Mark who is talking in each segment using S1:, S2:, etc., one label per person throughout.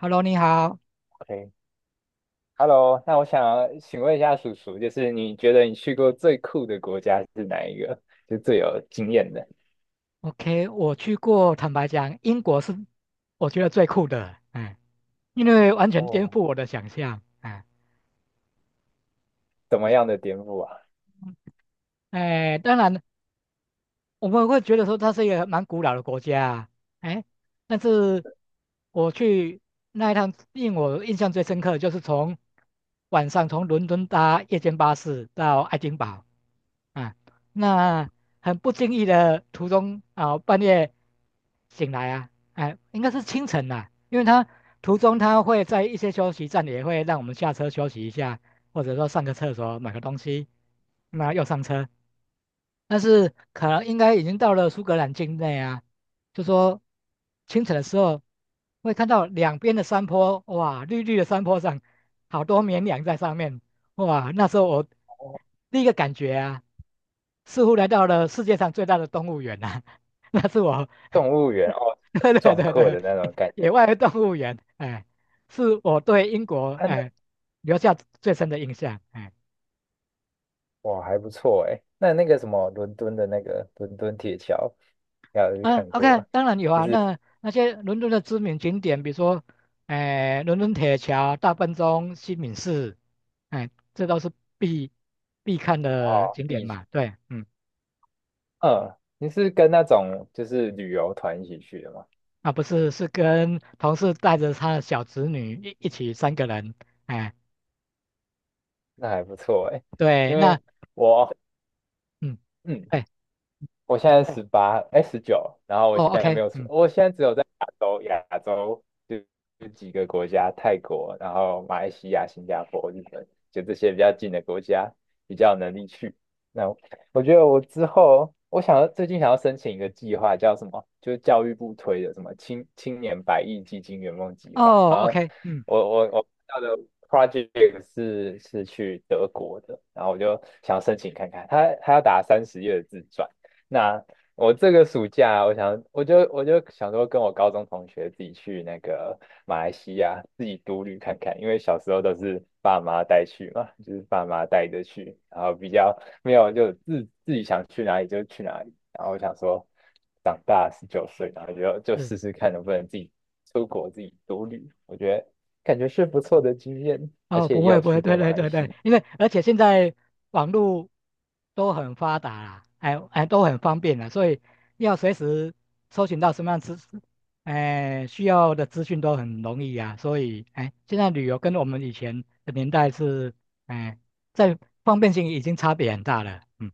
S1: Hello，你好。
S2: OK，Hello，那我想请问一下叔叔，就是你觉得你去过最酷的国家是哪一个？就最有经验的，
S1: OK，我去过，坦白讲，英国是我觉得最酷的，因为完全颠
S2: 哦，
S1: 覆我的想象，
S2: 怎么
S1: 一
S2: 样的颠覆啊？
S1: 当然，我们会觉得说它是一个蛮古老的国家啊，哎，但是我去那一趟，令我印象最深刻的就是从晚上从伦敦搭夜间巴士到爱丁堡。啊，那很不经意的途中啊，半夜醒来啊，应该是清晨啦、因为他途中会在一些休息站也会让我们下车休息一下，或者说上个厕所买个东西，那又上车。但是可能应该已经到了苏格兰境内啊，就说清晨的时候会看到两边的山坡，哇，绿绿的山坡上好多绵羊在上面，哇，那时候我
S2: 哦，
S1: 第一个感觉啊，似乎来到了世界上最大的动物园啊，那是我，
S2: 动物园哦，很
S1: 对对
S2: 壮
S1: 对
S2: 阔
S1: 对，
S2: 的那种感觉，
S1: 野外动物园，是我对英国
S2: 啊，那
S1: 留下最深的印象。
S2: 哇还不错哎，那个什么伦敦的那个伦敦铁桥，要有去
S1: 嗯
S2: 看过
S1: ，OK，
S2: 啊？
S1: 当然有啊。那些伦敦的知名景点，比如说，伦敦铁桥、大笨钟、西敏寺，这都是必必看的
S2: 哦，
S1: 景点
S2: 避暑，
S1: 嘛。对，嗯，
S2: 嗯，你是跟那种就是旅游团一起去的吗？
S1: 啊，不是，是跟同事带着他的小侄女一起三个人，哎，
S2: 那还不错哎，
S1: 对，
S2: 因
S1: 那
S2: 为我，
S1: 嗯，
S2: 嗯，
S1: 哎，
S2: 我现在18，哎，十九，然后我
S1: 哦
S2: 现在没
S1: ，OK，
S2: 有出，
S1: 嗯，
S2: 我现在只有在亚洲，亚洲就几个国家，泰国，然后马来西亚、新加坡、日本，就这些比较近的国家，比较有能力去。那我我觉得我之后，我想要最近想要申请一个计划，叫什么？就是教育部推的什么青年百亿基金圆梦计划。然
S1: 哦
S2: 后
S1: ，OK，嗯，
S2: 我看到的 project 是去德国的，然后我就想申请看看，他要打30页的自传。那我这个暑假，我想，我就想说，跟我高中同学自己去那个马来西亚自己独旅看看，因为小时候都是爸妈带去嘛，就是爸妈带着去，然后比较没有就自己想去哪里就去哪里，然后我想说，长大19岁，然后就
S1: 是。
S2: 试试看能不能自己出国自己独旅，我觉得感觉是不错的经验，而
S1: 哦，
S2: 且
S1: 不
S2: 也
S1: 会
S2: 有
S1: 不会，
S2: 去过
S1: 对
S2: 马
S1: 对
S2: 来
S1: 对
S2: 西
S1: 对，
S2: 亚。
S1: 因为而且现在网络都很发达啦，都很方便了，所以要随时搜寻到什么样资需要的资讯都很容易啊，所以现在旅游跟我们以前的年代是哎在方便性已经差别很大了，嗯。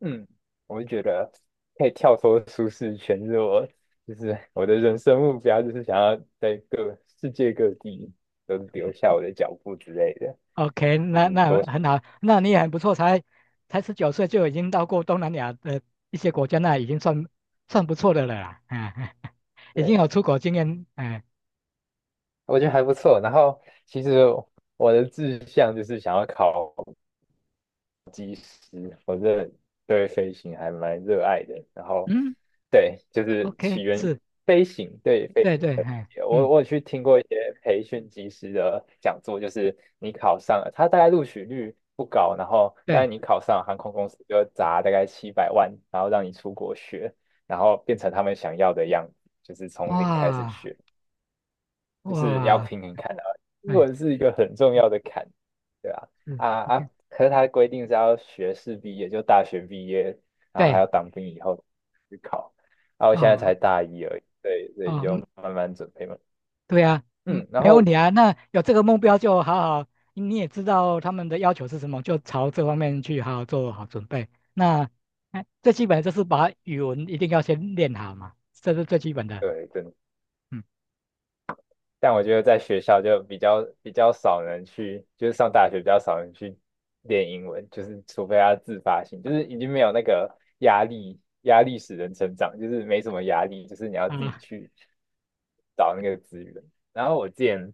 S2: 嗯，我就觉得可以跳脱舒适圈，就是我的人生目标，就是想要在各世界各地都留下我的脚步之类的，
S1: OK，
S2: 就
S1: 那
S2: 是
S1: 那
S2: 多少，
S1: 很好，那你也很不错，才19岁就已经到过东南亚的一些国家，那已经算不错的了啦，已
S2: 对，
S1: 经有出国经验，
S2: 我觉得还不错。然后其实我的志向就是想要考。嗯我这对飞行还蛮热爱的。然后，
S1: 嗯
S2: 对，就是
S1: ，OK，
S2: 起源于
S1: 是，
S2: 飞行对飞行
S1: 对对，
S2: 的理
S1: 哎，
S2: 解。我
S1: 嗯，
S2: 我有去听过一些培训机师的讲座，就是你考上了，他大概录取率不高，然后但
S1: 对，
S2: 是你考上了航空公司就砸大概700万，然后让你出国学，然后变成他们想要的样子，就是从零开始
S1: 哇
S2: 学。就是要
S1: 哇，
S2: 平衡看啊，英
S1: 哎，
S2: 文是一个很重要的坎，对吧？
S1: 嗯
S2: 啊
S1: ，OK，
S2: 啊，可是他规定是要学士毕业，就大学毕业，然后还
S1: 对，
S2: 要当兵以后去考。啊，我现在
S1: 哦
S2: 才大一而已，对，所以
S1: 哦，嗯
S2: 就慢慢准备嘛。
S1: 对啊，嗯，
S2: 嗯，然
S1: 没问
S2: 后
S1: 题啊。那有这个目标就好好，你也知道他们的要求是什么，就朝这方面去好好做好准备。那，最基本的就是把语文一定要先练好嘛，这是最基本的。
S2: 对，真
S1: 嗯
S2: 但我觉得在学校就比较少人去，就是上大学比较少人去练英文，就是除非他自发性，就是已经没有那个压力，压力使人成长，就是没什么压力，就是你要自己
S1: 啊，
S2: 去找那个资源。然后我之前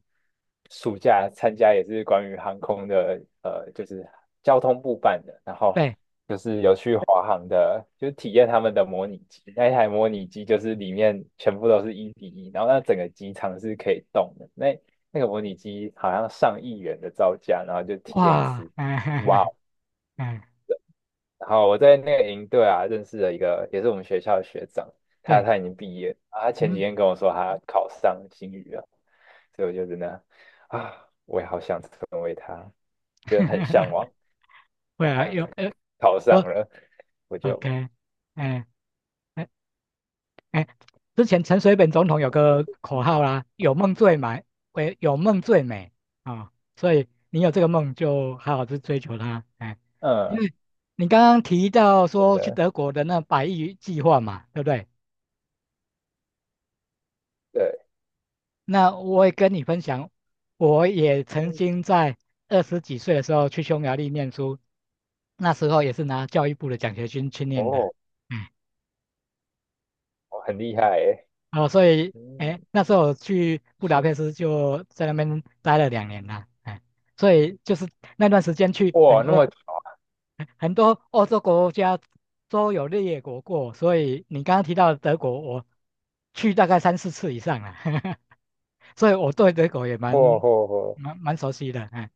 S2: 暑假参加也是关于航空的，就是交通部办的，然后
S1: 对，
S2: 就是有去华航的，就是体验他们的模拟机。那一台模拟机就是里面全部都是1:1，然后那整个机场是可以动的。那那个模拟机好像上亿元的造价，然后就体验一
S1: 哇，
S2: 次，哇，
S1: 哎，哎，
S2: 然后我在那个营队啊，认识了一个也是我们学校的学长，他
S1: 对，
S2: 他已经毕业了啊他前几
S1: 嗯，
S2: 天跟我说他考上新语了，所以我就真的啊，我也好想成为他，就很向 往。
S1: 会啊，有
S2: 考上
S1: 说
S2: 了，我就
S1: OK，哎。哎哎，之前陈水扁总统有个口号啦，有梦最美，喂，有梦最美啊、所以你有这个梦就好好去追求它，因
S2: 嗯，
S1: 为你刚刚提到
S2: 真
S1: 说去
S2: 的
S1: 德国的那百亿计划嘛，对不对？
S2: 对，
S1: 那我也跟你分享，我也曾
S2: 嗯，
S1: 经在20几岁的时候去匈牙利念书，那时候也是拿教育部的奖学金去念的，
S2: 哦，
S1: 哎
S2: 哦很厉害诶，
S1: 哦，所以，
S2: 嗯，
S1: 那时候我去布达
S2: 是
S1: 佩斯就在那边待了两年啦，所以就是那段时间去很
S2: 哇，那
S1: 多
S2: 么，
S1: 很多欧洲国家都有列国过，所以你刚刚提到的德国，我去大概三四次以上了，所以我对德国也
S2: 哦
S1: 蛮
S2: 哦哦。
S1: 蛮蛮熟悉的，哎，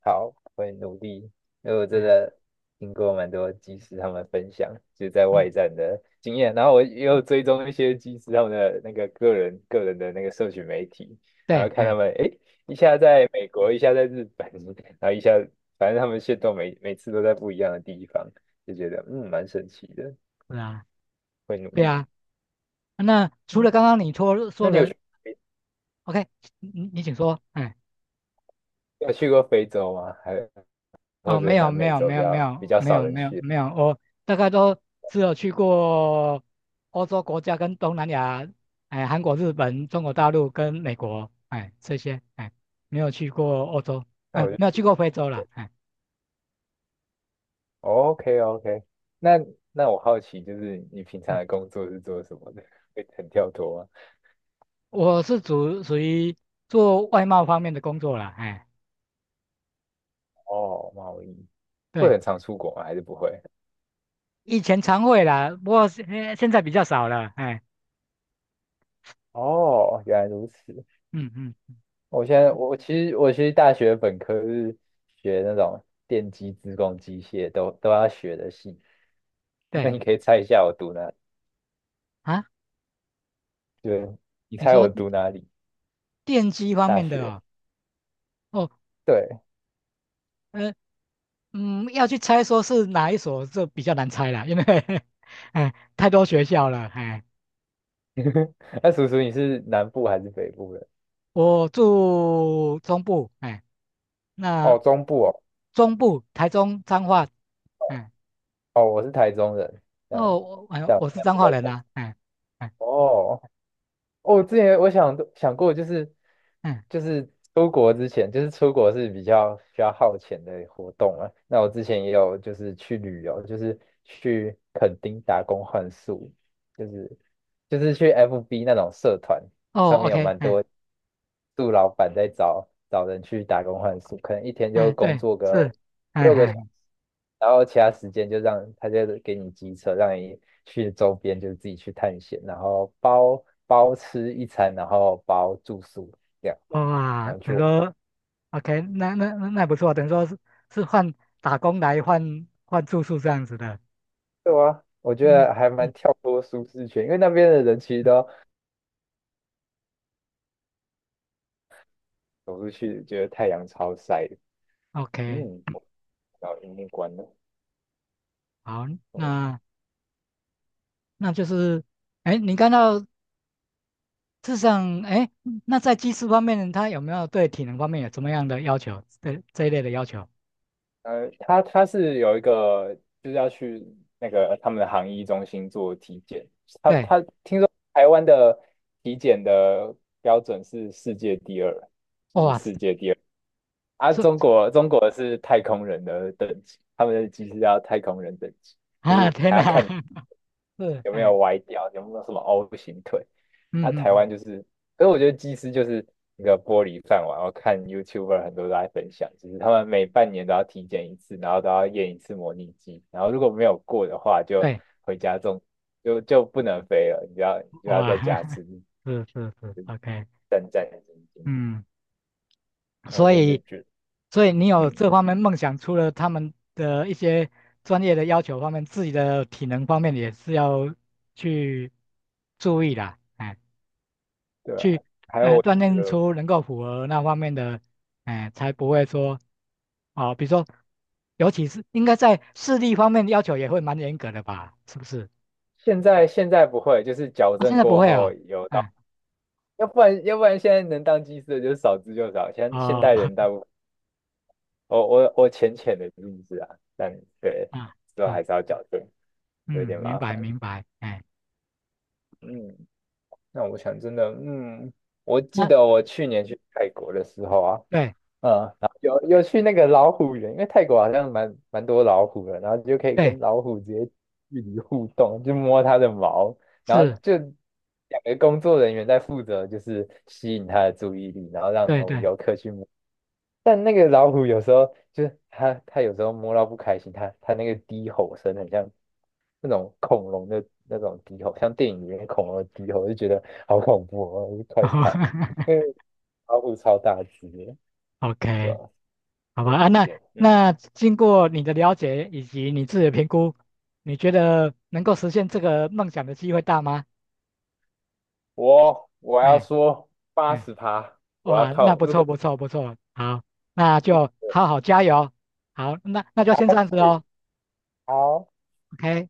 S2: 好，会努力。因为我真
S1: 哎，
S2: 的听过蛮多技师他们分享，就在外
S1: 嗯，
S2: 站的经验，然后我也有追踪一些技师他们的那个个人的那个社群媒体，然后
S1: 对，
S2: 看他
S1: 哎，
S2: 们，诶，一下在美国，一下在日本，然后一下，反正他们线都每次都在不一样的地方，就觉得嗯，蛮神奇的，
S1: 是啊，
S2: 会努
S1: 对
S2: 力。
S1: 啊，那除
S2: 嗯，
S1: 了刚刚你说
S2: 那
S1: 说
S2: 你有
S1: 的
S2: 去
S1: ，OK，你请说。
S2: 有去过非洲吗？还或
S1: 哦，
S2: 者
S1: 没
S2: 是
S1: 有
S2: 南
S1: 没
S2: 美
S1: 有
S2: 洲
S1: 没
S2: 比
S1: 有没
S2: 较比
S1: 有
S2: 较
S1: 没
S2: 少
S1: 有
S2: 人
S1: 没有
S2: 去？
S1: 没有，我大概都只有去过欧洲国家跟东南亚，韩国、日本、中国大陆跟美国，这些，没有去过欧洲，
S2: 那
S1: 嗯、
S2: 我就
S1: 没有
S2: 觉
S1: 去过
S2: 得。
S1: 非洲啦，
S2: OK OK，那那我好奇，就是你平常
S1: 嗯，
S2: 的工作是做什么的？会很跳脱吗？
S1: 我是属于做外贸方面的工作啦，
S2: 哦，贸易会
S1: 对，
S2: 很常出国吗？还是不会？
S1: 以前常会啦，不过现在比较少了，
S2: 哦，原来如此。
S1: 嗯嗯，
S2: 我现在我其实大学本科是学那种电机、资工、机械都要学的系。那
S1: 对
S2: 你可以猜一下我读哪？
S1: 啊，
S2: 对，你
S1: 你
S2: 猜
S1: 说
S2: 我读哪里？
S1: 电机方
S2: 大
S1: 面的
S2: 学。
S1: 哦，哦，
S2: 对，
S1: 呃，嗯，要去猜说是哪一所，这比较难猜啦，因为 太多学校了，
S2: 那叔叔你是南部还是北部人？
S1: 我住中部，那
S2: 哦，中部哦。
S1: 中部台中彰化，哎，
S2: 哦，我是台中人，但
S1: 哦，
S2: 但我
S1: 我是
S2: 现在
S1: 彰
S2: 不
S1: 化
S2: 在
S1: 人
S2: 台中。
S1: 啊，哎
S2: 哦，哦我之前我想过，就是
S1: 哎，
S2: 就是出国之前，就是出国是比较需要耗钱的活动啊。那我之前也有就是去旅游，就是去垦丁打工换宿，就是就是去 FB 那种社团上
S1: 哦
S2: 面有
S1: ，OK，
S2: 蛮多杜老板在找人去打工换宿，可能一天就工
S1: 对，
S2: 作个
S1: 是，哎
S2: 6个小时，
S1: 哎，
S2: 然后其他时间就让他就给你机车，让你去周边，就是自己去探险，然后包吃一餐，然后包住宿这样，
S1: 哇，
S2: 然后去
S1: 等于
S2: 玩。
S1: 说 OK，那不错，等于说是换打工来换住宿这样子的，
S2: 对啊，我觉
S1: 嗯
S2: 得还蛮
S1: 嗯
S2: 跳脱舒适圈，因为那边的人其实
S1: 嗯
S2: 都走出去，觉得太阳超晒的。
S1: ，OK，
S2: 嗯，
S1: 嗯
S2: 我到荧幕关了。
S1: 好，
S2: 我
S1: 那。那就是，你看到事实上，那在技术方面，他有没有对体能方面有什么样的要求？对这一类的要求？
S2: 他是有一个就是要去那个他们的航医中心做体检，他
S1: 对，
S2: 他听说台湾的体检的标准是世界第二，就是
S1: 哇，是
S2: 世界第二啊，中国是太空人的等级，他们的机是要太空人等级。就
S1: 啊，
S2: 是
S1: 天
S2: 还要
S1: 哪，
S2: 看。
S1: 是，
S2: 有没有歪掉，有没有什么 O 型腿。啊，
S1: 嗯嗯
S2: 台
S1: 嗯，
S2: 湾就是，所以我觉得技师就是一个玻璃饭碗。我看 YouTuber 很多都在分享，就是他们每半年都要体检一次，然后都要验一次模拟机，然后如果没有过的话，就
S1: 对，
S2: 回家种，就不能飞了，你就要
S1: 哇，
S2: 在家 吃
S1: 是是是，OK，
S2: 战战兢兢。
S1: 嗯，
S2: 那我
S1: 所
S2: 真的
S1: 以，
S2: 就觉得，
S1: 所以你有
S2: 嗯，
S1: 这方面梦想，除了他们的一些专业的要求方面，自己的体能方面也是要去注意的。
S2: 对啊。
S1: 去，
S2: 还有我
S1: 锻
S2: 觉
S1: 炼
S2: 得
S1: 出能够符合那方面的，才不会说，哦，比如说，尤其是应该在视力方面要求也会蛮严格的吧，是不是？
S2: 现在不会，就是矫
S1: 啊，现
S2: 正
S1: 在不
S2: 过
S1: 会
S2: 后
S1: 哦，
S2: 有到，
S1: 嗯，
S2: 要不然现在能当技师的就是少之又少，现现代
S1: 哦，
S2: 人大部我浅浅的认知啊，但对，
S1: 啊，
S2: 之后
S1: 是，
S2: 还是要矫正，有一
S1: 嗯，
S2: 点
S1: 明
S2: 麻
S1: 白
S2: 烦。
S1: 明白，
S2: 嗯，那我想真的，嗯，我记
S1: 那
S2: 得我去年去泰国的时候啊，
S1: 对
S2: 嗯，然后有有去那个老虎园，因为泰国好像蛮多老虎的，然后就可以
S1: 对
S2: 跟老虎直接距离互动，就摸它的毛，然后
S1: 是，
S2: 就两个工作人员在负责就是吸引它的注意力，然后让
S1: 对
S2: 我们
S1: 对
S2: 游客去。但那个老虎有时候就是它，它有时候摸到不开心，它它那个低吼声很像那种恐龙的那种低吼，像电影里面恐龙的低吼，我就觉得好恐怖哦，我就快跑！
S1: 哦
S2: 因为老虎超大只的，对
S1: ，OK，
S2: 吧？
S1: 好吧啊，那
S2: 也嗯，
S1: 那经过你的了解以及你自己的评估，你觉得能够实现这个梦想的机会大吗？
S2: 我我要
S1: 哎、
S2: 说八
S1: 嗯。
S2: 十趴，我要
S1: 哇，那
S2: 靠，
S1: 不
S2: 如果
S1: 错不错不错，好，那就好好加油，好，那就
S2: 啊
S1: 先这样子
S2: 是
S1: 哦
S2: 好。
S1: ，OK。